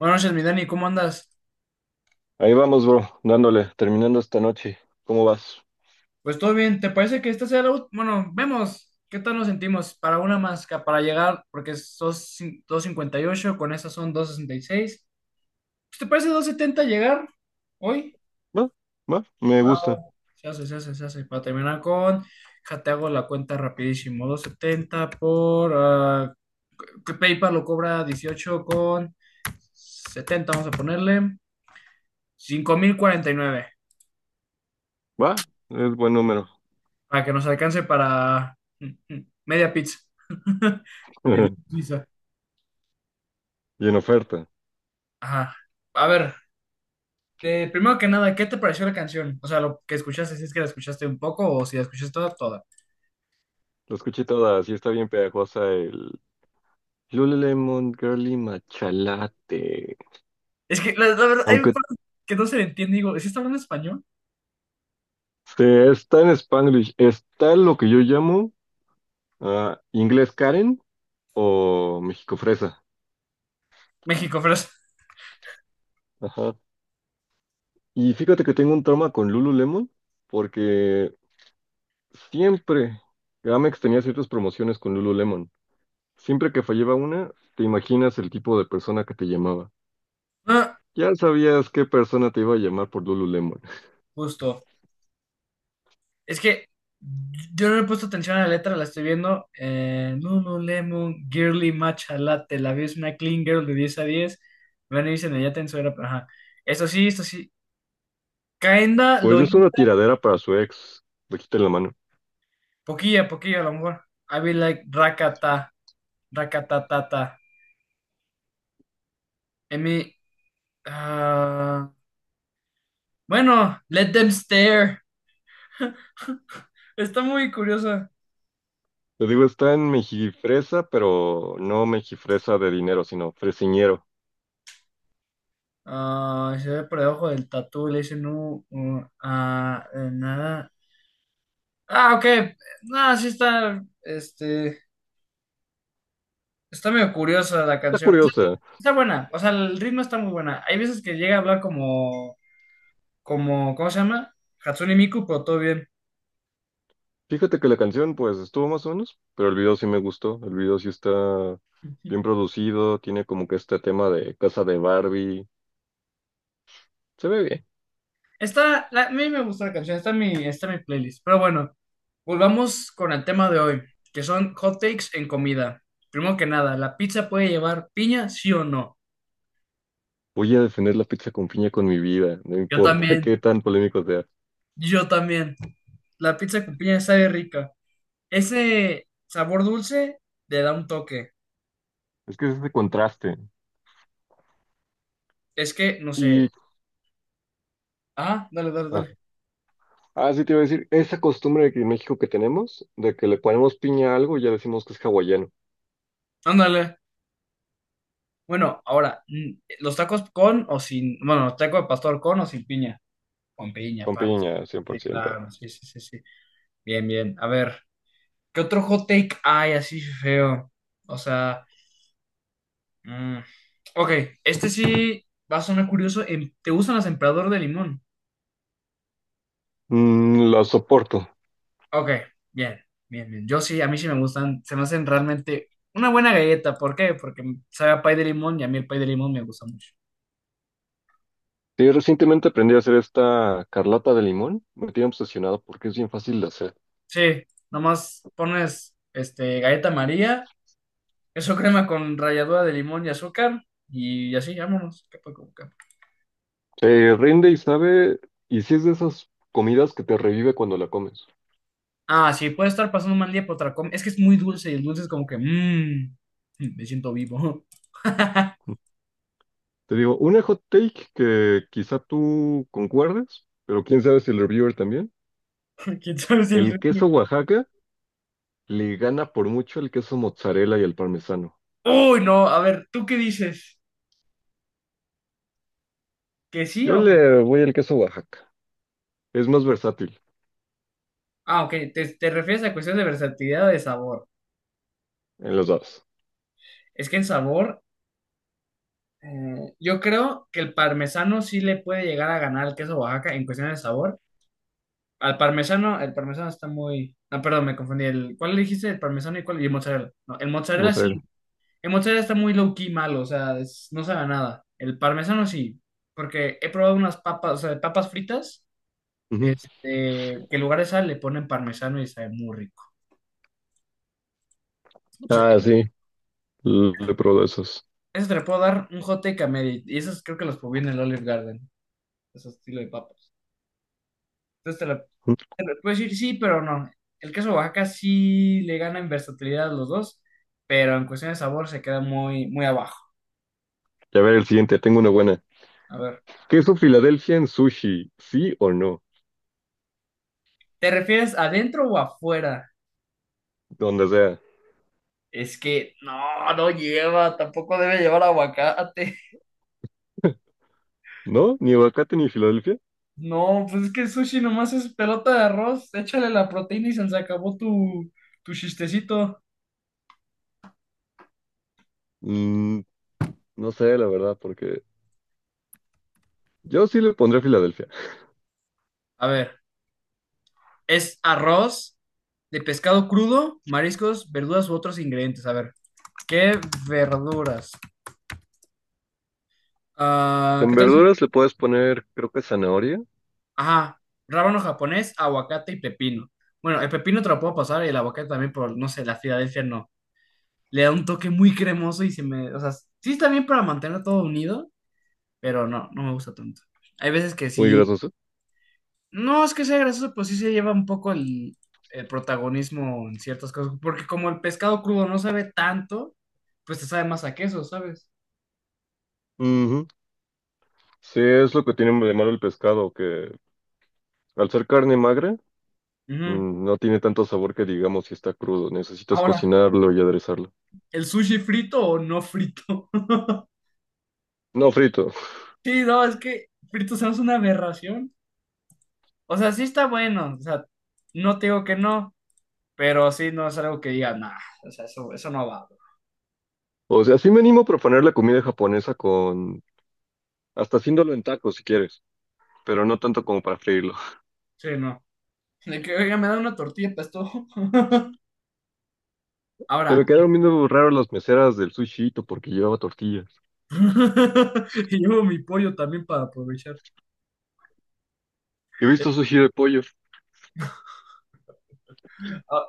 Buenas noches, mi Dani, ¿cómo andas? Ahí vamos, bro, dándole, terminando esta noche. ¿Cómo vas? Pues todo bien, ¿te parece que esta sea la última? Bueno, vemos qué tal nos sentimos para una más, para llegar, porque sos 258 con esas son 2.66. Pues, ¿te parece 270 llegar hoy? Va, va, me Va, va. gusta. Se hace, se hace, se hace. Para terminar con, ja, te hago la cuenta rapidísimo, 270 por, que PayPal lo cobra 18.70. Vamos a ponerle, 5,049, Va, es buen número. para que nos alcance para media pizza. De pizza. Y en oferta. Ajá. A ver, primero que nada, ¿qué te pareció la canción? O sea, lo que escuchaste, si es que la escuchaste un poco o si la escuchaste toda, toda. Lo escuché toda, sí está bien pegajosa el Lululemon Girly Machalate. Es que la verdad, hay un Aunque par que no se le entiende. Digo, ¿sí está hablando español? se está en Spanglish, está lo que yo llamo inglés Karen o México Fresa. México, pero Ajá. Y fíjate que tengo un trauma con Lululemon porque siempre Gamex tenía ciertas promociones con Lululemon. Siempre que fallaba una, te imaginas el tipo de persona que te llamaba. Ah, Ya sabías qué persona te iba a llamar por Lululemon. justo. Es que yo no le he puesto atención a la letra, la estoy viendo. Lululemon, Girly Matcha Latte, la vi, es una clean girl de 10 a 10. Van a irse en ella tenso era, ajá. Esto sí, Kaenda Pues es Loli, una tiradera para su ex. Le quité la mano. poquilla, poquilla a lo mejor. I be like rakata, rakatatata. I mean, ah, bueno, let them stare. Está muy curiosa. Te digo, está en mejifresa, pero no mejifresa de dinero, sino fresiñero. Ah, se ve por debajo del tatu, le dicen no, nada. Ah, ok. Ah, sí está, está medio curiosa la Está canción. curiosa. Está buena, o sea, el ritmo está muy buena. Hay veces que llega a hablar como, ¿cómo se llama? Hatsune Miku, pero todo bien. Fíjate que la canción, pues, estuvo más o menos, pero el video sí me gustó. El video sí está bien producido, tiene como que este tema de casa de Barbie. Se ve bien. Está, a mí me gusta la canción, está en mi playlist. Pero bueno, volvamos con el tema de hoy, que son hot takes en comida. Primero que nada, ¿la pizza puede llevar piña, sí o no? Voy a defender la pizza con piña con mi vida, no Yo importa también, qué tan polémico sea. yo también. La pizza con piña sabe rica. Ese sabor dulce le da un toque. Es que es ese contraste. Es que no sé. Y, Ah, dale, dale, ah, dale. Sí te iba a decir, esa costumbre de que en México que tenemos, de que le ponemos piña a algo y ya decimos que es hawaiano. Ándale. Bueno, ahora, los tacos con o sin, bueno, los tacos de pastor con o sin piña. Con piña, Con paps. piña, Sí, 100%. claro, sí, sí, sí, sí. Bien, bien. A ver. ¿Qué otro hot take hay así feo? O sea, mm, ok, este sí va a sonar curioso. ¿Te gustan las emperador de limón? Mm, lo soporto. Ok, bien, bien, bien. Yo sí, a mí sí me gustan, se me hacen realmente una buena galleta. ¿Por qué? Porque sabe a pay de limón y a mí el pay de limón me gusta mucho. Sí, recientemente aprendí a hacer esta carlata de limón. Me tiene obsesionado porque es bien fácil de hacer. Sí, nomás pones galleta María, eso crema con ralladura de limón y azúcar y así, vámonos. Se rinde y sabe, y sí es de esas comidas que te revive cuando la comes. Ah, sí, puede estar pasando un mal día por otra es que es muy dulce y el dulce es como que, me siento vivo. Te digo, una hot take que quizá tú concuerdes, pero quién sabe si el reviewer también. ¿Quién sabe si el El queso resto-? Oaxaca le gana por mucho el queso mozzarella y el parmesano. Uy, no, a ver, ¿tú qué dices? ¿Que sí Yo o que...? le voy al queso Oaxaca. Es más versátil Ah, ok, te refieres a cuestiones de versatilidad o de sabor. en los dos. Es que en sabor, yo creo que el parmesano sí le puede llegar a ganar al queso Oaxaca en cuestiones de sabor. Al parmesano, el parmesano está muy... Ah, perdón, me confundí. El, ¿cuál le dijiste? El parmesano y cuál... Y el mozzarella. No, el No mozzarella sé. sí. El mozzarella está muy low key malo, o sea, no sabe a nada. El parmesano sí, porque he probado unas papas, o sea, de papas fritas, Ujú. Que en lugar de sal le ponen parmesano y sabe muy rico. O sea, Ah, sí. Le pruebo esos. eso te lo puedo dar un hot take a media, y esos creo que los probé en el Olive Garden, ese estilo de papas. Entonces te lo, Ujú. te lo puedo decir sí, pero no. El queso Oaxaca sí le gana en versatilidad a los dos, pero en cuestión de sabor se queda muy, muy abajo. Y a ver el siguiente. Tengo una buena. A ver, ¿Queso Filadelfia en sushi? ¿Sí o no? ¿te refieres adentro o afuera? Donde sea. Es que no, no lleva, tampoco debe llevar aguacate. ¿No? ¿Ni aguacate ni Filadelfia? No, pues es que el sushi nomás es pelota de arroz, échale la proteína y se acabó tu chistecito. Mm, no sé, la verdad, porque yo sí le pondré Filadelfia. A ver, es arroz de pescado crudo, mariscos, verduras u otros ingredientes. A ver, ¿qué verduras? Ah, En ¿qué tal? Verduras le puedes poner, creo que zanahoria. Ajá, rábano japonés, aguacate y pepino. Bueno, el pepino te lo puedo pasar y el aguacate también por, no sé, la Filadelfia no. Le da un toque muy cremoso y o sea, sí está bien para mantenerlo todo unido, pero no, no me gusta tanto. Hay veces que Muy sí, grasoso. no es que sea grasoso, pues sí se lleva un poco el protagonismo en ciertas cosas, porque como el pescado crudo no sabe tanto, pues te sabe más a queso, ¿sabes? Ujú. Sí, es lo que tiene de malo el pescado, que al ser carne magra, Ujú. No tiene tanto sabor que digamos si está crudo. Necesitas Ahora, cocinarlo y aderezarlo. ¿el sushi frito o no frito? No frito. Sí, no, es que frito se me hace una aberración. O sea, sí está bueno, o sea, no te digo que no, pero sí no es algo que diga, nah, o sea, eso no va, bro". O sea, sí me animo a proponer la comida japonesa con... Hasta haciéndolo en tacos si quieres, pero no tanto como para freírlo. Sí, no. De que, oiga, me da una tortilla para esto. Se Ahora, me quedaron viendo raro las meseras del sushito porque llevaba tortillas. y llevo mi pollo también para aprovechar. He Eh, visto sushi de pollo. ah,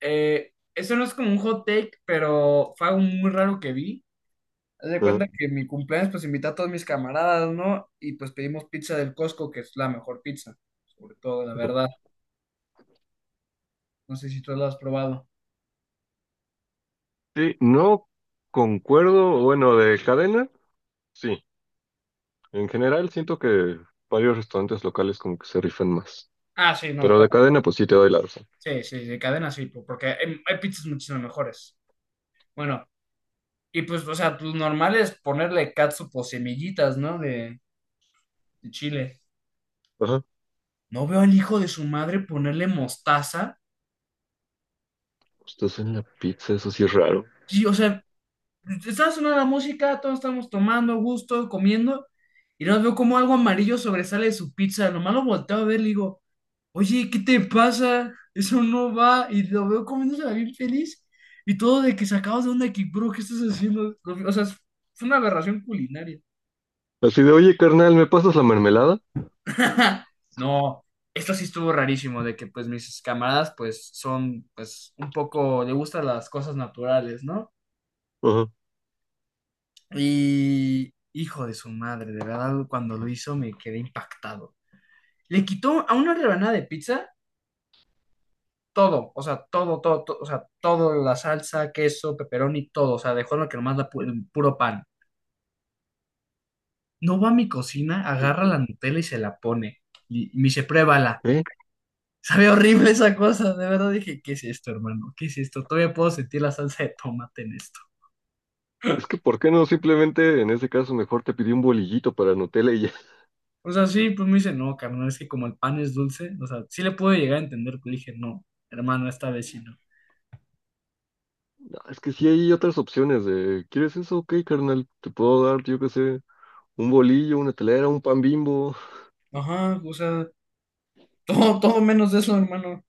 eso no es como un hot take, pero fue algo muy raro que vi. Haz de Ajá. cuenta que en mi cumpleaños, pues invité a todos mis camaradas, ¿no? Y pues pedimos pizza del Costco, que es la mejor pizza, sobre todo, la verdad. No sé si tú la has probado. Sí, no concuerdo, bueno, de cadena, sí. En general siento que varios restaurantes locales como que se rifan más. Ah, sí, no, Pero de claro. cadena, pues sí te doy la razón. Sí, sí, de cadena sí, porque hay pizzas muchísimo mejores. Bueno, y pues, o sea, pues normal es ponerle catsup o semillitas, ¿no? De chile. Ajá. No veo al hijo de su madre ponerle mostaza. Estás en la pizza, eso sí es raro. Sí, o sea, estaba sonando la música, todos estamos tomando, a gusto, comiendo, y luego veo como algo amarillo sobresale de su pizza. Nomás lo volteo a ver, le digo, oye, ¿qué te pasa? Eso no va. Y lo veo comiéndose bien feliz. Y todo de que sacabas de onda, de que, bro, ¿qué estás haciendo? O sea, fue una aberración culinaria. Así de, oye, carnal, ¿me pasas la mermelada? No, esto sí estuvo rarísimo, de que pues mis camaradas pues son pues un poco, le gustan las cosas naturales, ¿no? Ajá. Y hijo de su madre, de verdad, cuando lo hizo me quedé impactado. Le quitó a una rebanada de pizza todo, o sea, todo, todo, todo, o sea, todo, la salsa, queso, pepperoni, todo, o sea, dejó lo que nomás el puro pan. No, va a mi cocina, agarra la Nutella y se la pone. Y me dice, pruébala. ¿Eh? Sabe horrible esa cosa, de verdad dije, ¿qué es esto, hermano? ¿Qué es esto? Todavía puedo sentir la salsa de tomate en esto. Es que, ¿por qué no? Simplemente, en ese caso, mejor te pedí un bolillito para Nutella y ya. O sea, sí, pues me dice, no, carnal, es que como el pan es dulce, o sea, sí le puedo llegar a entender, pero dije, no, hermano, esta vez sí no. No, es que sí hay otras opciones de, ¿quieres eso? Ok, carnal, te puedo dar, yo qué sé, un bolillo, una telera, un pan Bimbo. Ajá, o sea, todo, todo menos de eso, hermano.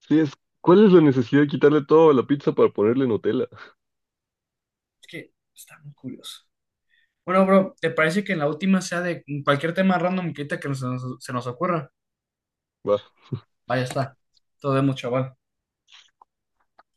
Sí, es, ¿cuál es la necesidad de quitarle todo a la pizza para ponerle Nutella? Es que está muy curioso. Bueno, bro, ¿te parece que en la última sea de cualquier tema random que ahorita que se nos ocurra? Va. Vaya está. Todo vemos, chaval.